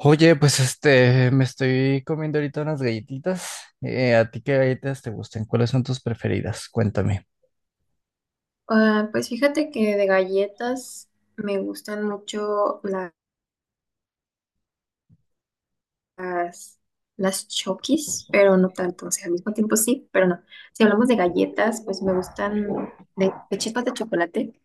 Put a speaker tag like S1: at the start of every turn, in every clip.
S1: Oye, pues me estoy comiendo ahorita unas galletitas. ¿A ti qué galletas te gustan? ¿Cuáles son tus preferidas? Cuéntame.
S2: Ah, pues fíjate que de galletas me gustan mucho las, las Chokis, pero no tanto, o sea, al mismo tiempo sí, pero no. Si hablamos de galletas, pues me gustan de chispas de chocolate,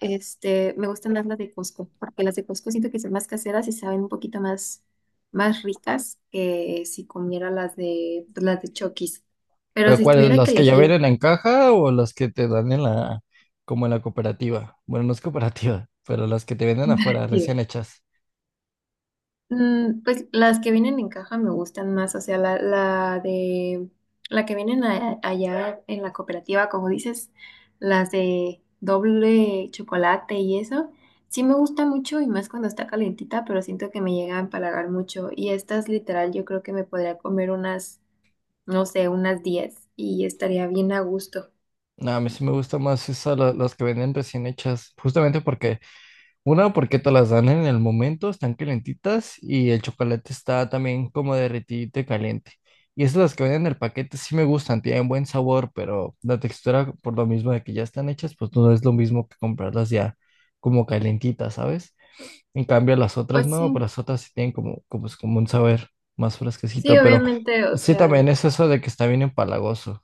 S2: me gustan más las de Costco, porque las de Costco siento que son más caseras y saben un poquito más, más ricas que si comiera las de, pues, las de Chokis. Pero
S1: ¿Pero
S2: si
S1: cuáles?
S2: tuviera que
S1: ¿Las que ya
S2: elegir,
S1: vienen en caja o las que te dan en como en la cooperativa? Bueno, no es cooperativa, pero las que te venden afuera, recién hechas.
S2: Pues las que vienen en caja me gustan más, o sea, la de la que vienen allá en la cooperativa, como dices, las de doble chocolate y eso, sí me gusta mucho y más cuando está calentita, pero siento que me llega a empalagar mucho y estas literal yo creo que me podría comer unas, no sé, unas 10 y estaría bien a gusto.
S1: No, a mí sí me gusta más esa, las que venden recién hechas, justamente porque una, porque te las dan en el momento, están calentitas y el chocolate está también como derretido y caliente. Y esas las que vienen en el paquete sí me gustan, tienen buen sabor, pero la textura, por lo mismo de que ya están hechas, pues no es lo mismo que comprarlas ya como calentitas, ¿sabes? En cambio, las otras
S2: Pues
S1: no, pero
S2: sí,
S1: las otras sí tienen como es como un saber más
S2: sí,
S1: fresquecito, pero
S2: obviamente, o
S1: sí también
S2: sea.
S1: es eso de que está bien empalagoso.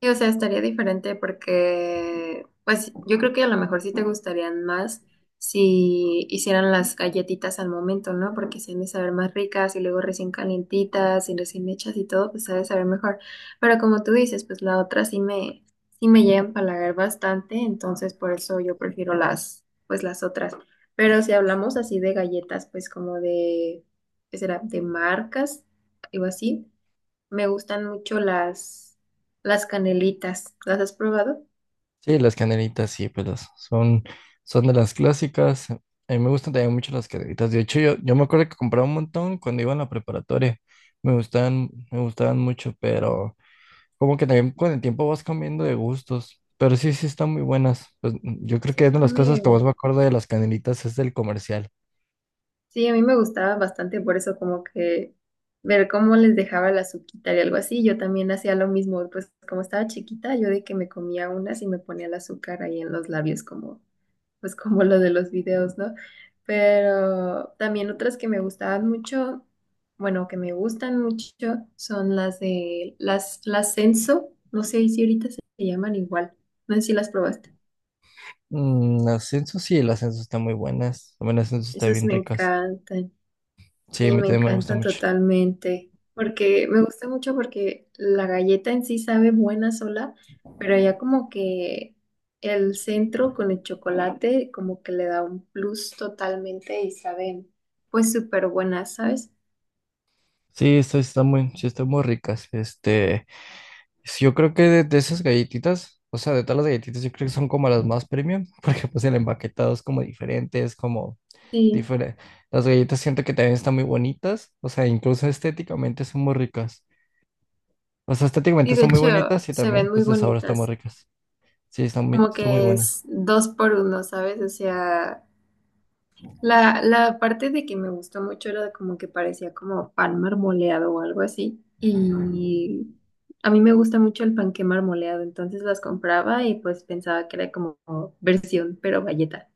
S2: Sí, o sea, estaría diferente porque, pues, yo creo que a lo mejor sí te gustarían más si hicieran las galletitas al momento, ¿no? Porque se han de saber más ricas y luego recién calientitas y recién hechas y todo, pues se ha de saber mejor. Pero como tú dices, pues la otra sí me llega a empalagar bastante, entonces por eso yo prefiero las, pues las otras. Pero si hablamos así de galletas, pues como de, ¿qué será? De marcas, algo así. Me gustan mucho las canelitas. ¿Las has probado?
S1: Sí, las canelitas, sí, pues son de las clásicas. A mí me gustan también mucho las canelitas. De hecho, yo me acuerdo que compraba un montón cuando iba en la preparatoria. Me gustaban mucho, pero como que también con el tiempo vas cambiando de gustos. Pero sí, sí están muy buenas. Pues yo creo
S2: Sí,
S1: que es una de
S2: a
S1: las cosas que más me
S2: mí,
S1: acuerdo de las canelitas es del comercial.
S2: sí, a mí me gustaba bastante por eso, como que ver cómo les dejaba la azuquita y algo así. Yo también hacía lo mismo, pues como estaba chiquita, yo de que me comía unas y me ponía el azúcar ahí en los labios como pues como lo de los videos, ¿no? Pero también otras que me gustaban mucho, bueno, que me gustan mucho, son las de las Senso, no sé si ahorita se llaman igual, no sé si las probaste.
S1: Mm, las Censo, sí, las ascenso están muy buenas. También las Censo están
S2: Esas
S1: bien
S2: me
S1: ricas.
S2: encantan.
S1: Sí, a
S2: Sí,
S1: mí
S2: me
S1: también me gusta
S2: encanta
S1: mucho.
S2: totalmente, porque me gusta mucho porque la galleta en sí sabe buena sola, pero ya como que el centro con el chocolate como que le da un plus totalmente y saben pues súper buenas, ¿sabes?
S1: Sí, sí, están muy ricas. Sí, yo creo que de esas galletitas, o sea, de todas las galletitas, yo creo que son como las más premium, porque pues el empaquetado es como
S2: Sí,
S1: diferente. Las galletas siento que también están muy bonitas, o sea, incluso estéticamente son muy ricas. O sea,
S2: y
S1: estéticamente
S2: de
S1: son muy
S2: hecho
S1: bonitas y
S2: se
S1: también,
S2: ven muy
S1: pues, de sabor están muy
S2: bonitas,
S1: ricas. Sí,
S2: como
S1: están muy
S2: que
S1: buenas.
S2: es dos por uno, ¿sabes? O sea... La parte de que me gustó mucho era de como que parecía como pan marmoleado o algo así. Y a mí me gusta mucho el panqué marmoleado, entonces las compraba y pues pensaba que era como versión, pero galleta.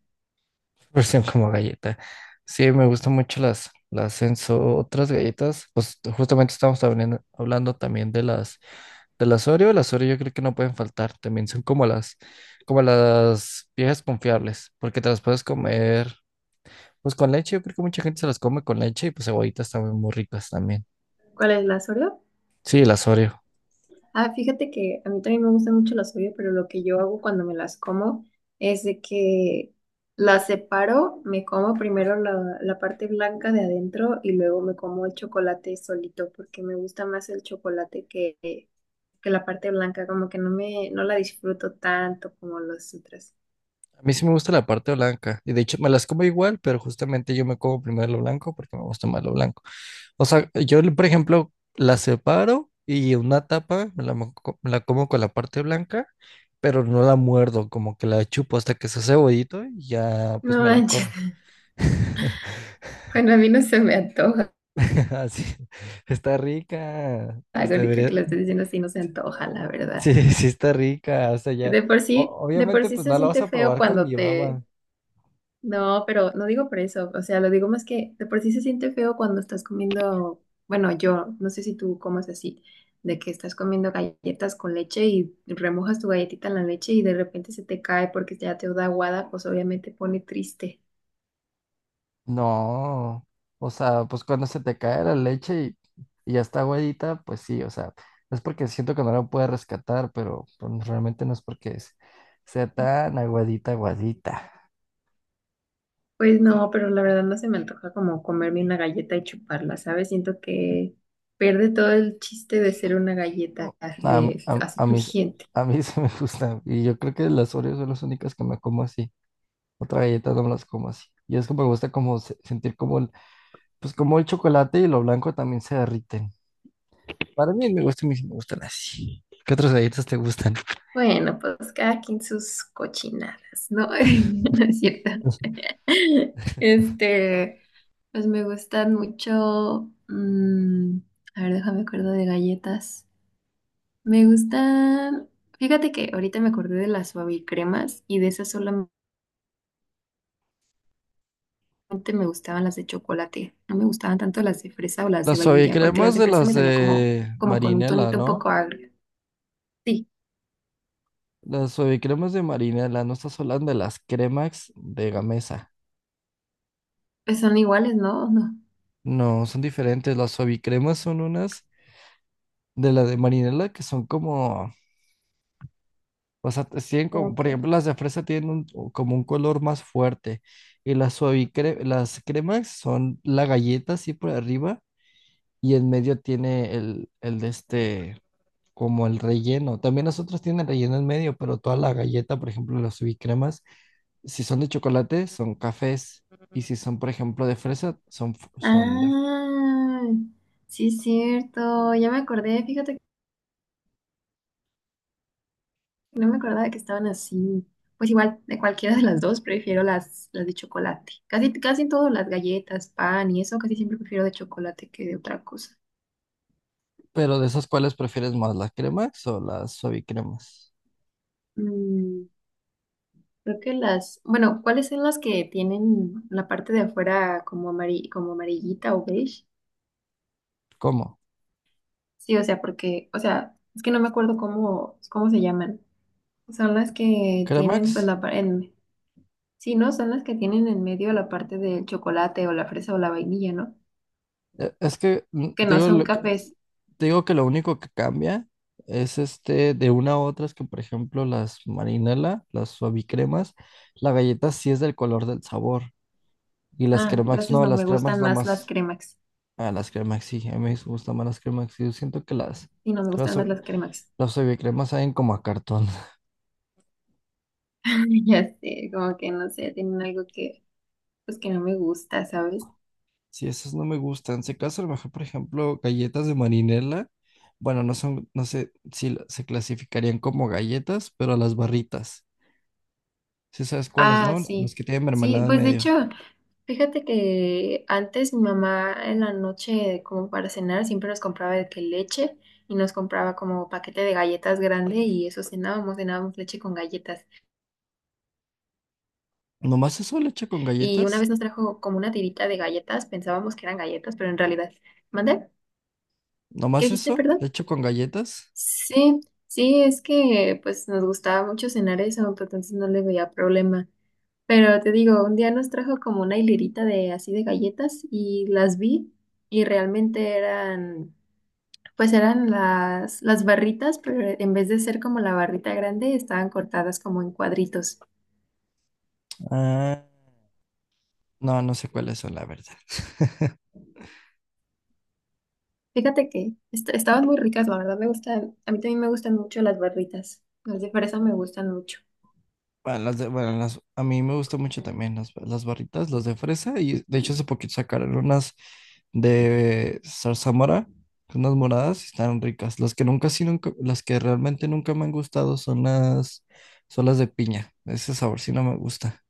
S1: Versión como galleta. Sí, me gustan mucho las Enzo, otras galletas. Pues justamente estamos hablando también de las del Asorio, el Asorio yo creo que no pueden faltar. También son como como las viejas confiables, porque te las puedes comer pues con leche. Yo creo que mucha gente se las come con leche y pues cebollitas también muy ricas también.
S2: ¿Cuál es la Oreo?
S1: Sí, el Asorio.
S2: Ah, fíjate que a mí también me gustan mucho las Oreo, pero lo que yo hago cuando me las como es de que las separo, me como primero la parte blanca de adentro y luego me como el chocolate solito porque me gusta más el chocolate que la parte blanca como que no me, no la disfruto tanto como los otros.
S1: A mí sí me gusta la parte blanca. Y de hecho me las como igual, pero justamente yo me como primero lo blanco porque me gusta más lo blanco. O sea, yo por ejemplo la separo y una tapa me la como con la parte blanca, pero no la muerdo, como que la chupo hasta que se hace cebollito y ya pues
S2: No
S1: me la
S2: manches.
S1: como.
S2: Bueno, a mí no se me antoja.
S1: Así, está rica.
S2: Ahorita que lo estoy diciendo así, no se
S1: Sí,
S2: antoja, la verdad.
S1: sí está rica. O sea, ya. o-
S2: De por
S1: obviamente,
S2: sí
S1: pues
S2: se
S1: no la vas
S2: siente
S1: a
S2: feo
S1: probar con
S2: cuando
S1: mi
S2: te...
S1: baba.
S2: No, pero no digo por eso. O sea, lo digo más que de por sí se siente feo cuando estás comiendo... Bueno, yo no sé si tú comes así, de que estás comiendo galletas con leche y remojas tu galletita en la leche y de repente se te cae porque ya te da aguada, pues obviamente pone triste.
S1: No. O sea, pues cuando se te cae la leche y ya está aguadita, pues sí, o sea, es porque siento que no la puede rescatar, pero pues, realmente no es porque sea tan aguadita, aguadita.
S2: Pues no, pero la verdad no se me antoja como comerme una galleta y chuparla, ¿sabes? Siento que pierde todo el chiste de ser una galleta
S1: No, A, mí-
S2: de,
S1: a,
S2: así
S1: a mí,
S2: crujiente.
S1: a mí se me gusta. Y yo creo que las Oreos son las únicas que me como así. Otra galleta no me las como así. Y es que me gusta como sentir como pues como el chocolate y lo blanco también se derriten. Para mí me gusta, me gustan así. ¿Qué otras galletas te gustan?
S2: Bueno, pues cada quien sus cochinadas, ¿no? No es cierto. Este, pues me gustan mucho. A ver, déjame acuerdo de galletas. Me gustan. Fíjate que ahorita me acordé de las suavicremas y de esas solamente. Antes me gustaban las de chocolate, no me gustaban tanto las de fresa o las de
S1: Las
S2: vainilla, porque las
S1: suavicremas
S2: de
S1: de
S2: fresa
S1: las
S2: me sabían como,
S1: de
S2: como con un
S1: Marinela,
S2: tonito un
S1: ¿no?
S2: poco agrio. Sí,
S1: Las suavicremas de Marinela, no estás hablando de las cremax de Gamesa.
S2: pues son iguales, ¿no? No.
S1: No, son diferentes. Las suavicremas son unas de las de Marinela que son como... O sea, tienen como, por
S2: Ok.
S1: ejemplo, las de fresa tienen un- o como un color más fuerte y las cremas son la galleta así por arriba y en medio tiene el de este, como el relleno. También las otras tienen relleno en medio, pero toda la galleta, por ejemplo, las suavicremas, si son de chocolate, son cafés, y si son, por ejemplo, de fresa, son, son de...
S2: Ah, sí es cierto, ya me acordé, fíjate que no me acordaba que estaban así. Pues igual, de cualquiera de las dos prefiero las de chocolate. Casi, casi en todo, las galletas, pan y eso, casi siempre prefiero de chocolate que de otra cosa.
S1: Pero de esas, ¿cuáles prefieres más, las cremas o las suavicremas?
S2: Mm, Creo que las, bueno, ¿cuáles son las que tienen la parte de afuera como como amarillita o beige?
S1: ¿Cómo?
S2: Sí, o sea, porque, o sea, es que no me acuerdo cómo, cómo se llaman. Son las que
S1: ¿Cremax?
S2: tienen, pues, la parte, sí, ¿no? Son las que tienen en medio la parte del chocolate o la fresa o la vainilla, ¿no?
S1: Es que,
S2: Que no
S1: digo,
S2: son cafés.
S1: te digo que lo único que cambia es este de una a otra es que, por ejemplo, las marinela, las suavicremas, la galleta sí es del color del sabor. Y las
S2: Ah,
S1: cremax
S2: entonces
S1: no,
S2: no me
S1: las cremax
S2: gustan más las
S1: nomás.
S2: cremas.
S1: Ah, las cremax sí, a mí me gustan más las cremax. Yo siento que
S2: Sí, no me
S1: las,
S2: gustan
S1: sua-
S2: más las cremas.
S1: las suavicremas saben como a cartón.
S2: Ya sé, como que no sé, tienen algo que, pues, que no me gusta, ¿sabes?
S1: Sí, esas no me gustan. Si acaso, a lo mejor, por ejemplo, galletas de marinela, bueno, no son, no sé si se clasificarían como galletas, pero las barritas. Sí sabes cuáles,
S2: Ah,
S1: ¿no?
S2: sí.
S1: Las que tienen
S2: Sí,
S1: mermelada en
S2: pues de
S1: medio.
S2: hecho. Fíjate que antes mi mamá en la noche, como para cenar, siempre nos compraba de que leche y nos compraba como paquete de galletas grande y eso cenábamos, cenábamos leche con galletas.
S1: ¿Nomás eso le echo con
S2: Y una
S1: galletas?
S2: vez nos trajo como una tirita de galletas, pensábamos que eran galletas, pero en realidad, ¿mande? ¿Qué
S1: ¿Nomás
S2: dijiste,
S1: eso
S2: perdón?
S1: le echo con galletas?
S2: Sí, sí, es que pues nos gustaba mucho cenar eso, pero entonces no le veía problema. Pero te digo, un día nos trajo como una hilerita de así de galletas y las vi y realmente eran... Pues eran las barritas, pero en vez de ser como la barrita grande, estaban cortadas como en cuadritos.
S1: Ah, no, no sé cuáles son, la verdad.
S2: Fíjate que estaban muy ricas, la verdad me gustan, a mí también me gustan mucho las barritas. Las de fresa me gustan mucho.
S1: Bueno, las de- bueno, las- a mí me gustan mucho también las barritas, las de fresa, y de hecho hace poquito sacaron unas de zarzamora, unas moradas, y están ricas. Las que nunca, sí, nunca, las que realmente nunca me han gustado son son las de piña. Ese sabor sí no me gusta.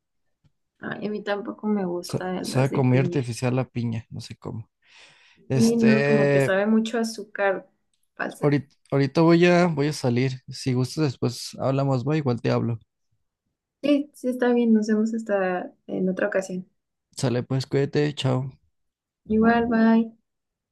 S2: Ay, a mí tampoco me gustan las
S1: Sabe
S2: de
S1: como muy
S2: piña.
S1: artificial la piña, no sé cómo.
S2: Y no, como que
S1: Este,
S2: sabe mucho a azúcar falsa.
S1: Ahorita, ahorita voy a salir. Si gustas, después hablamos, va, igual te hablo.
S2: Sí, sí está bien, nos vemos hasta en otra ocasión.
S1: Sale, pues, cuídate, chao.
S2: Igual, bye.